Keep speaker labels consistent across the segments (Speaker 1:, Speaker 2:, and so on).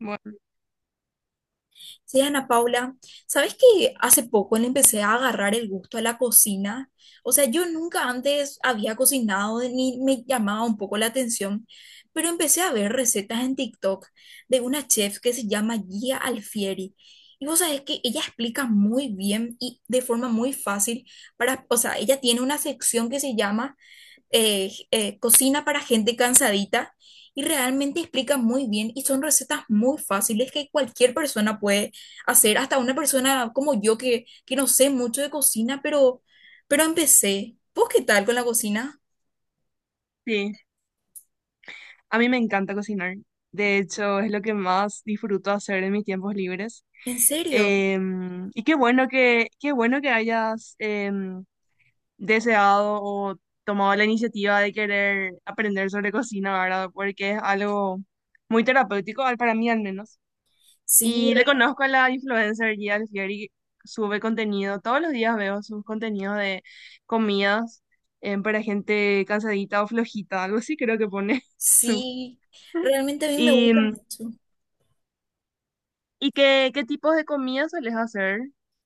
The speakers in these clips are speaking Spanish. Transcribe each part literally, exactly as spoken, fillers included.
Speaker 1: Bueno,
Speaker 2: Sí, Ana Paula, ¿sabes que hace poco le empecé a agarrar el gusto a la cocina? O sea, yo nunca antes había cocinado ni me llamaba un poco la atención, pero empecé a ver recetas en TikTok de una chef que se llama Gia Alfieri. Y vos sabés que ella explica muy bien y de forma muy fácil para, o sea, ella tiene una sección que se llama eh, eh, cocina para gente cansadita y realmente explica muy bien y son recetas muy fáciles que cualquier persona puede hacer, hasta una persona como yo que, que no sé mucho de cocina, pero, pero empecé. ¿Vos qué tal con la cocina?
Speaker 1: sí, a mí me encanta cocinar. De hecho, es lo que más disfruto hacer en mis tiempos libres.
Speaker 2: ¿En serio?
Speaker 1: Em, y qué bueno que, qué bueno que hayas em, deseado o tomado la iniciativa de querer aprender sobre cocina, ¿verdad? Porque es algo muy terapéutico, al- para mí al menos.
Speaker 2: Sí,
Speaker 1: Y le
Speaker 2: re-
Speaker 1: conozco a la influencer Gia Alfieri, sube contenido, todos los días veo sus contenidos de comidas em, para gente cansadita o flojita, algo así creo que pone.
Speaker 2: sí, realmente a mí me
Speaker 1: ¿Y,
Speaker 2: gusta mucho.
Speaker 1: y qué, qué tipos de comida sueles hacer?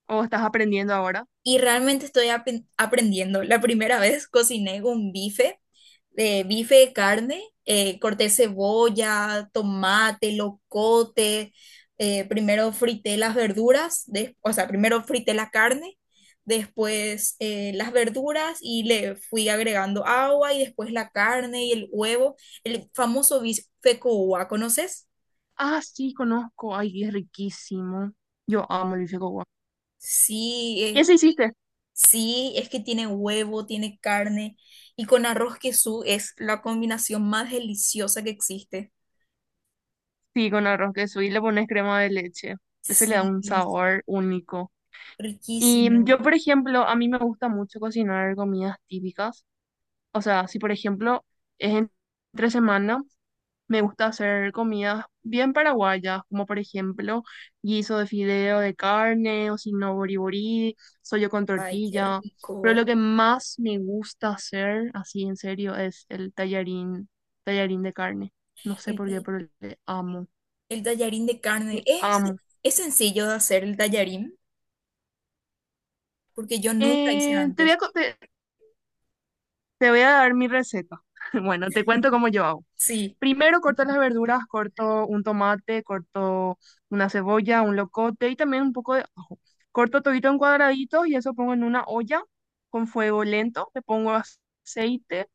Speaker 1: ¿O estás aprendiendo ahora?
Speaker 2: Y realmente estoy apen- aprendiendo. La primera vez cociné un bife, de bife de carne, eh, corté cebolla, tomate, locote, eh, primero frité las verduras, des- o sea, primero frité la carne, después eh, las verduras y le fui agregando agua y después la carne y el huevo, el famoso bife con uva, ¿conoces?
Speaker 1: Ah, sí, conozco. Ay, es riquísimo. Yo amo el bife con guac.
Speaker 2: Sí,
Speaker 1: ¿Y
Speaker 2: eh,
Speaker 1: ese hiciste?
Speaker 2: sí, es que tiene huevo, tiene carne y con arroz queso es la combinación más deliciosa que existe.
Speaker 1: Sí, con arroz queso y le pones crema de leche. Ese le da un
Speaker 2: Sí,
Speaker 1: sabor único. Y mm,
Speaker 2: riquísimo.
Speaker 1: yo, por ejemplo, a mí me gusta mucho cocinar comidas típicas. O sea, si por ejemplo es en- entre semana, me gusta hacer comidas bien paraguayas, como por ejemplo guiso de fideo de carne o si no boriborí, sollo con
Speaker 2: Ay, qué
Speaker 1: tortilla. Pero lo
Speaker 2: rico.
Speaker 1: que más me gusta hacer, así en serio, es el tallarín, tallarín de carne. No sé
Speaker 2: El,
Speaker 1: por
Speaker 2: ta-
Speaker 1: qué, pero le amo,
Speaker 2: el tallarín de
Speaker 1: le
Speaker 2: carne es,
Speaker 1: amo.
Speaker 2: es sencillo de hacer el tallarín porque yo nunca hice
Speaker 1: Eh, te voy a,
Speaker 2: antes.
Speaker 1: co- te te voy a dar mi receta. Bueno, te cuento cómo yo hago.
Speaker 2: Sí,
Speaker 1: Primero corto las verduras, corto un tomate, corto una cebolla, un locote y también un poco de ajo. Corto todito en cuadraditos y eso pongo en una olla con fuego lento. Le pongo aceite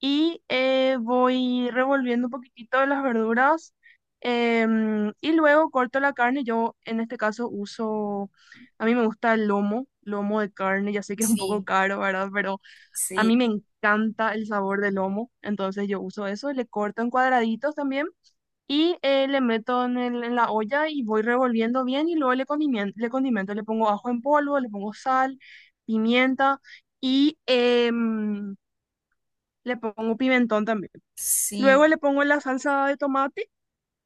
Speaker 1: y eh, voy revolviendo un poquitito de las verduras. em, y luego corto la carne. Yo en este caso uso, a mí me gusta el lomo, lomo de carne. Ya sé que es un poco
Speaker 2: sí,
Speaker 1: caro, ¿verdad? Pero a mí
Speaker 2: sí,
Speaker 1: me encanta el sabor del lomo, entonces yo uso eso, le corto en cuadraditos también y eh, le meto en, el- en la olla y voy revolviendo bien y luego le condimento, le condimento, le pongo ajo en polvo, le pongo sal, pimienta y em, le pongo pimentón también. Luego
Speaker 2: sí,
Speaker 1: le pongo la salsa de tomate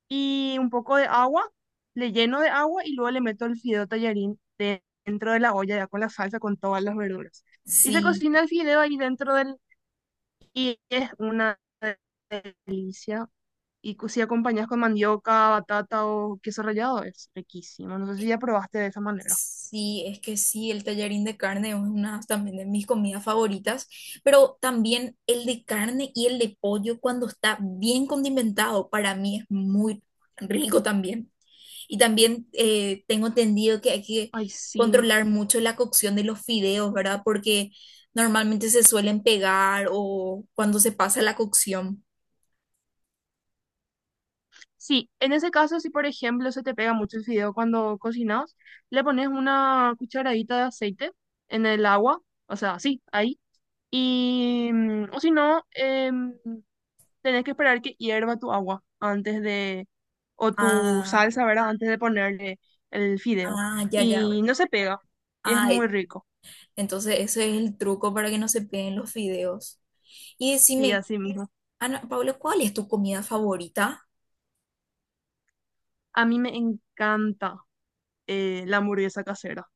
Speaker 1: y un poco de agua, le lleno de agua y luego le meto el fideo tallarín de- dentro de la olla ya con la salsa, con todas las verduras. Y se
Speaker 2: sí.
Speaker 1: cocina el fideo ahí dentro del, y es una delicia. Y cu- si acompañas con mandioca, batata o queso rallado, es riquísimo. No sé si ya probaste de esa manera.
Speaker 2: Sí, es que sí, el tallarín de carne es una también de mis comidas favoritas, pero también el de carne y el de pollo cuando está bien condimentado, para mí es muy rico también. Y también eh, tengo entendido que hay que
Speaker 1: Ay, sí.
Speaker 2: controlar mucho la cocción de los fideos, ¿verdad? Porque normalmente se suelen pegar o cuando se pasa la cocción.
Speaker 1: Sí, en ese caso, si por ejemplo se te pega mucho el fideo cuando cocinas, le pones una cucharadita de aceite en el agua, o sea, así, ahí. Y, mm, o si no, em, tenés que esperar que hierva tu agua antes de, o tu
Speaker 2: Ah,
Speaker 1: salsa, ¿verdad? Antes de ponerle el fideo.
Speaker 2: ah, ya, ya.
Speaker 1: Y no se pega. Y es
Speaker 2: Ah,
Speaker 1: muy
Speaker 2: eh,
Speaker 1: rico.
Speaker 2: entonces ese es el truco para que no se peguen los fideos. Y
Speaker 1: Sí,
Speaker 2: decime,
Speaker 1: así mismo.
Speaker 2: Ana Paula, ¿cuál es tu comida favorita?
Speaker 1: A mí me encanta eh, la hamburguesa casera.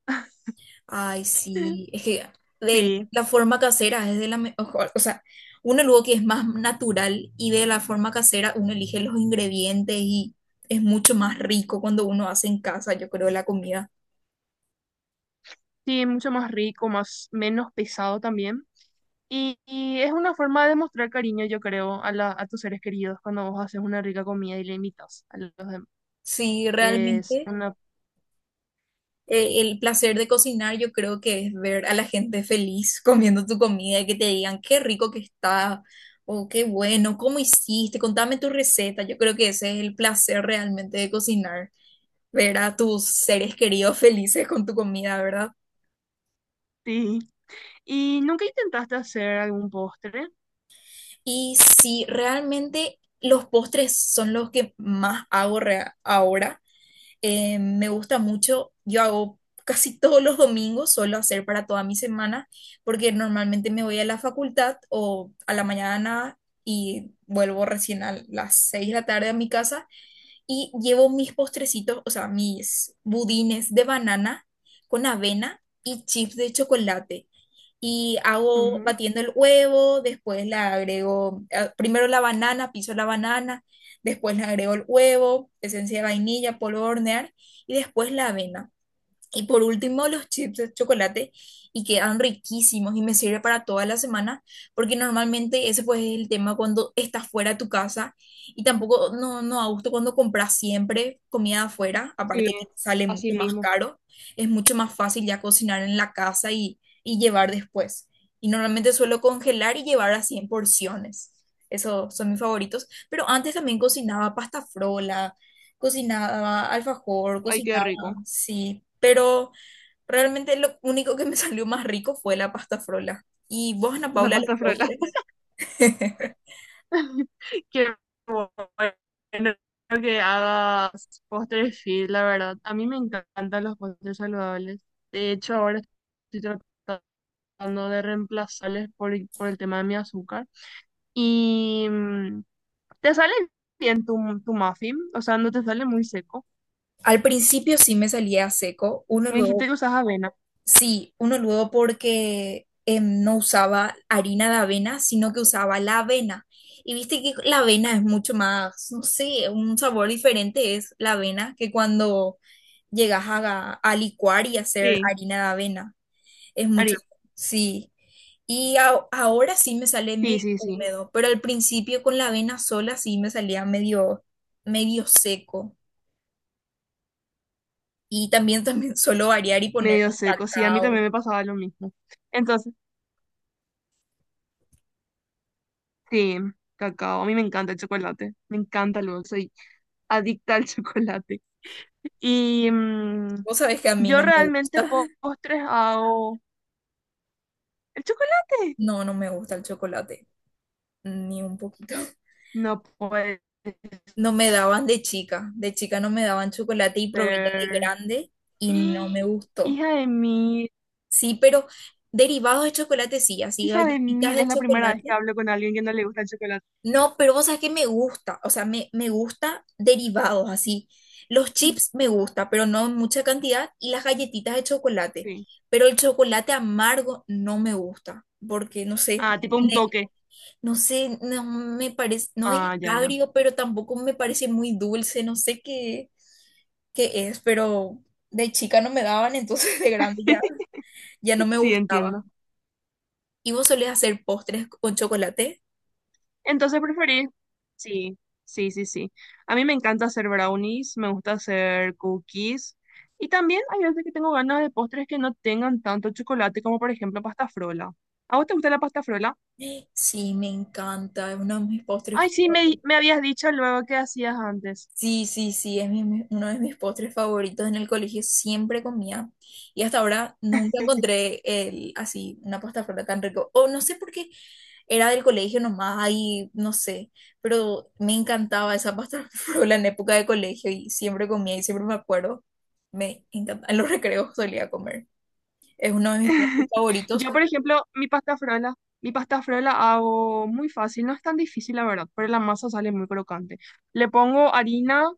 Speaker 2: Ay, sí, es que de
Speaker 1: Sí,
Speaker 2: la forma casera es de la mejor, o sea, uno luego que es más natural y de la forma casera uno elige los ingredientes y es mucho más rico cuando uno hace en casa, yo creo, la comida.
Speaker 1: sí, mucho más rico, más, menos pesado también. Y, y es una forma de mostrar cariño, yo creo, a, la, a tus seres queridos cuando vos haces una rica comida y le invitas a los demás.
Speaker 2: Sí,
Speaker 1: Es
Speaker 2: realmente
Speaker 1: una...
Speaker 2: eh, el placer de cocinar yo creo que es ver a la gente feliz comiendo tu comida y que te digan qué rico que está, o qué bueno, ¿cómo hiciste? Contame tu receta. Yo creo que ese es el placer realmente de cocinar, ver a tus seres queridos felices con tu comida, ¿verdad?
Speaker 1: Sí. ¿Y nunca intentaste hacer algún postre?
Speaker 2: Y sí, realmente los postres son los que más hago rea- ahora. Eh, me gusta mucho, yo hago casi todos los domingos, suelo hacer para toda mi semana, porque normalmente me voy a la facultad o a la mañana y vuelvo recién a las seis de la tarde a mi casa y llevo mis postrecitos, o sea, mis budines de banana con avena y chips de chocolate. Y hago
Speaker 1: Ujú.
Speaker 2: batiendo el huevo, después le agrego, eh, primero la banana, piso la banana, después le agrego el huevo, esencia de vainilla, polvo de hornear y después la avena. Y por último, los chips de chocolate y quedan riquísimos y me sirve para toda la semana, porque normalmente ese pues es el tema cuando estás fuera de tu casa y tampoco no, no a gusto cuando compras siempre comida afuera,
Speaker 1: Sí,
Speaker 2: aparte que sale
Speaker 1: así
Speaker 2: mucho más
Speaker 1: mismo.
Speaker 2: caro, es mucho más fácil ya cocinar en la casa y, y llevar después. Y normalmente suelo congelar y llevar así en porciones. Esos son mis favoritos, pero antes también cocinaba pasta frola, cocinaba alfajor,
Speaker 1: Ay, qué
Speaker 2: cocinaba.
Speaker 1: rico.
Speaker 2: Sí, pero realmente lo único que me salió más rico fue la pasta frola. ¿Y vos, Ana
Speaker 1: La
Speaker 2: Paula, los
Speaker 1: pasta frola.
Speaker 2: postres?
Speaker 1: Qué bueno que hagas postres fit, la verdad. A mí me encantan los postres saludables. De hecho, ahora estoy tratando de reemplazarles por, por el tema de mi azúcar. Y mm, te sale bien tu, tu muffin, o sea, no te sale muy seco.
Speaker 2: Al principio sí me salía seco, uno
Speaker 1: Me dijiste
Speaker 2: luego,
Speaker 1: que usas avena.
Speaker 2: sí, uno luego porque em, no usaba harina de avena, sino que usaba la avena. Y viste que la avena es mucho más, no sé, un sabor diferente es la avena que cuando llegas a, a licuar y hacer
Speaker 1: Sí,
Speaker 2: harina de avena. Es mucho,
Speaker 1: Ari-
Speaker 2: sí. Y a- ahora sí me sale
Speaker 1: sí,
Speaker 2: medio
Speaker 1: sí, sí,
Speaker 2: húmedo, pero al principio con la avena sola sí me salía medio, medio seco. Y también, también suelo variar y ponerle
Speaker 1: medio seco. Sí, a mí también
Speaker 2: cacao.
Speaker 1: me pasaba lo mismo. Sí, cacao. A mí me encanta el chocolate. Me encanta luego. Soy adicta al chocolate. Y mm,
Speaker 2: Vos sabés que a mí
Speaker 1: yo
Speaker 2: no me
Speaker 1: realmente
Speaker 2: gusta.
Speaker 1: postres hago. ¿El chocolate?
Speaker 2: No, no me gusta el chocolate, ni un poquito.
Speaker 1: No puede
Speaker 2: No me daban de chica, de chica no me daban chocolate y probé ya de
Speaker 1: ser.
Speaker 2: grande y no me gustó.
Speaker 1: Hija de mil.
Speaker 2: Sí, pero derivados de chocolate sí, así
Speaker 1: Hija de
Speaker 2: galletitas
Speaker 1: mil.
Speaker 2: de
Speaker 1: Es la primera vez que
Speaker 2: chocolate.
Speaker 1: hablo con alguien que no le gusta el chocolate.
Speaker 2: No, pero vos sabés que me gusta, o sea, me, me gusta derivados así. Los
Speaker 1: Mm,
Speaker 2: chips me gusta, pero no en mucha cantidad, y las galletitas de chocolate.
Speaker 1: sí.
Speaker 2: Pero el chocolate amargo no me gusta, porque no sé,
Speaker 1: Ah, tipo un
Speaker 2: me-
Speaker 1: toque.
Speaker 2: no sé, no me parece, no es
Speaker 1: Ah, ya, ya.
Speaker 2: agrio, pero tampoco me parece muy dulce, no sé qué, qué es, pero de chica no me daban, entonces de grande ya, ya no me
Speaker 1: Sí,
Speaker 2: gustaba.
Speaker 1: entiendo.
Speaker 2: ¿Y vos solés hacer postres con chocolate?
Speaker 1: Entonces preferí. Sí, sí, sí, sí. A mí me encanta hacer brownies, me gusta hacer cookies. Y también hay veces que tengo ganas de postres que no tengan tanto chocolate, como por ejemplo pasta frola. ¿A vos te gusta la pasta frola?
Speaker 2: Sí, me encanta, es uno de mis
Speaker 1: Ay,
Speaker 2: postres.
Speaker 1: sí, me, di- me habías dicho luego que hacías antes.
Speaker 2: Sí, sí, sí, es mi- mi- uno de mis postres favoritos en el colegio, siempre comía. Y hasta ahora nunca encontré el, así una pasta frola tan rico. O no sé por qué era del colegio nomás, ahí no sé, pero me encantaba esa pasta frola en época de colegio y siempre comía y siempre me acuerdo. Me encantaba, en los recreos solía comer. Es uno de mis postres favoritos.
Speaker 1: Yo, por ejemplo, mi pasta frola, mi pasta frola hago muy fácil, no es tan difícil, la verdad, pero la masa sale muy crocante. Le pongo harina,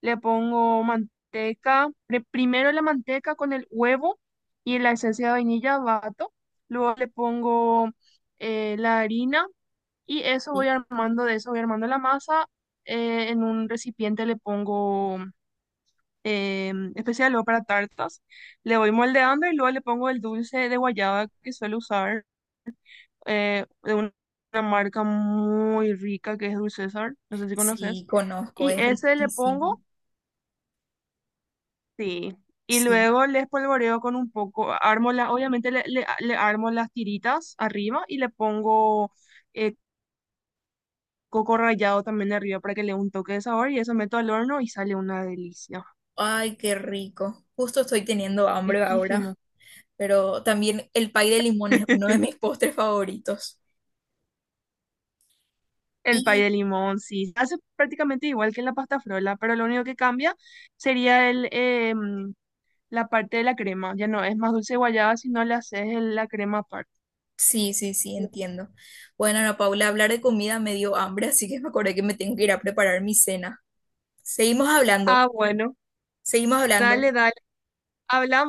Speaker 1: le pongo manteca, pre- primero la manteca con el huevo y la esencia de vainilla bato, luego le pongo eh, la harina y eso voy
Speaker 2: Sí,
Speaker 1: armando, de eso voy armando la masa. eh, en un recipiente le pongo eh, especial luego para tartas. Le voy moldeando y luego le pongo el dulce de guayaba que suelo usar eh, de una, una marca muy rica que es Dulce César, no sé si
Speaker 2: sí,
Speaker 1: conoces.
Speaker 2: conozco,
Speaker 1: Y
Speaker 2: es
Speaker 1: ese le
Speaker 2: riquísimo.
Speaker 1: pongo, sí. Y
Speaker 2: Sí.
Speaker 1: luego le espolvoreo con un poco, armo la, obviamente le, le, le armo las tiritas arriba y le pongo eh, coco rallado también arriba para que le dé un toque de sabor y eso meto al horno y sale una delicia.
Speaker 2: Ay, qué rico. Justo estoy teniendo hambre ahora,
Speaker 1: Riquísimo.
Speaker 2: pero también el pay de limón es uno de mis postres favoritos.
Speaker 1: El pay
Speaker 2: Y
Speaker 1: de limón, sí. Hace prácticamente igual que en la pasta frola, pero lo único que cambia sería el, eh, mm, la parte de la crema. Ya no es más dulce de guayaba, sino le haces el- la crema aparte.
Speaker 2: sí, sí, sí, entiendo. Bueno, Ana Paula, hablar de comida me dio hambre, así que me acordé que me tengo que ir a preparar mi cena. Seguimos hablando,
Speaker 1: Ah, bueno,
Speaker 2: seguimos hablando.
Speaker 1: dale, dale. Hablamos.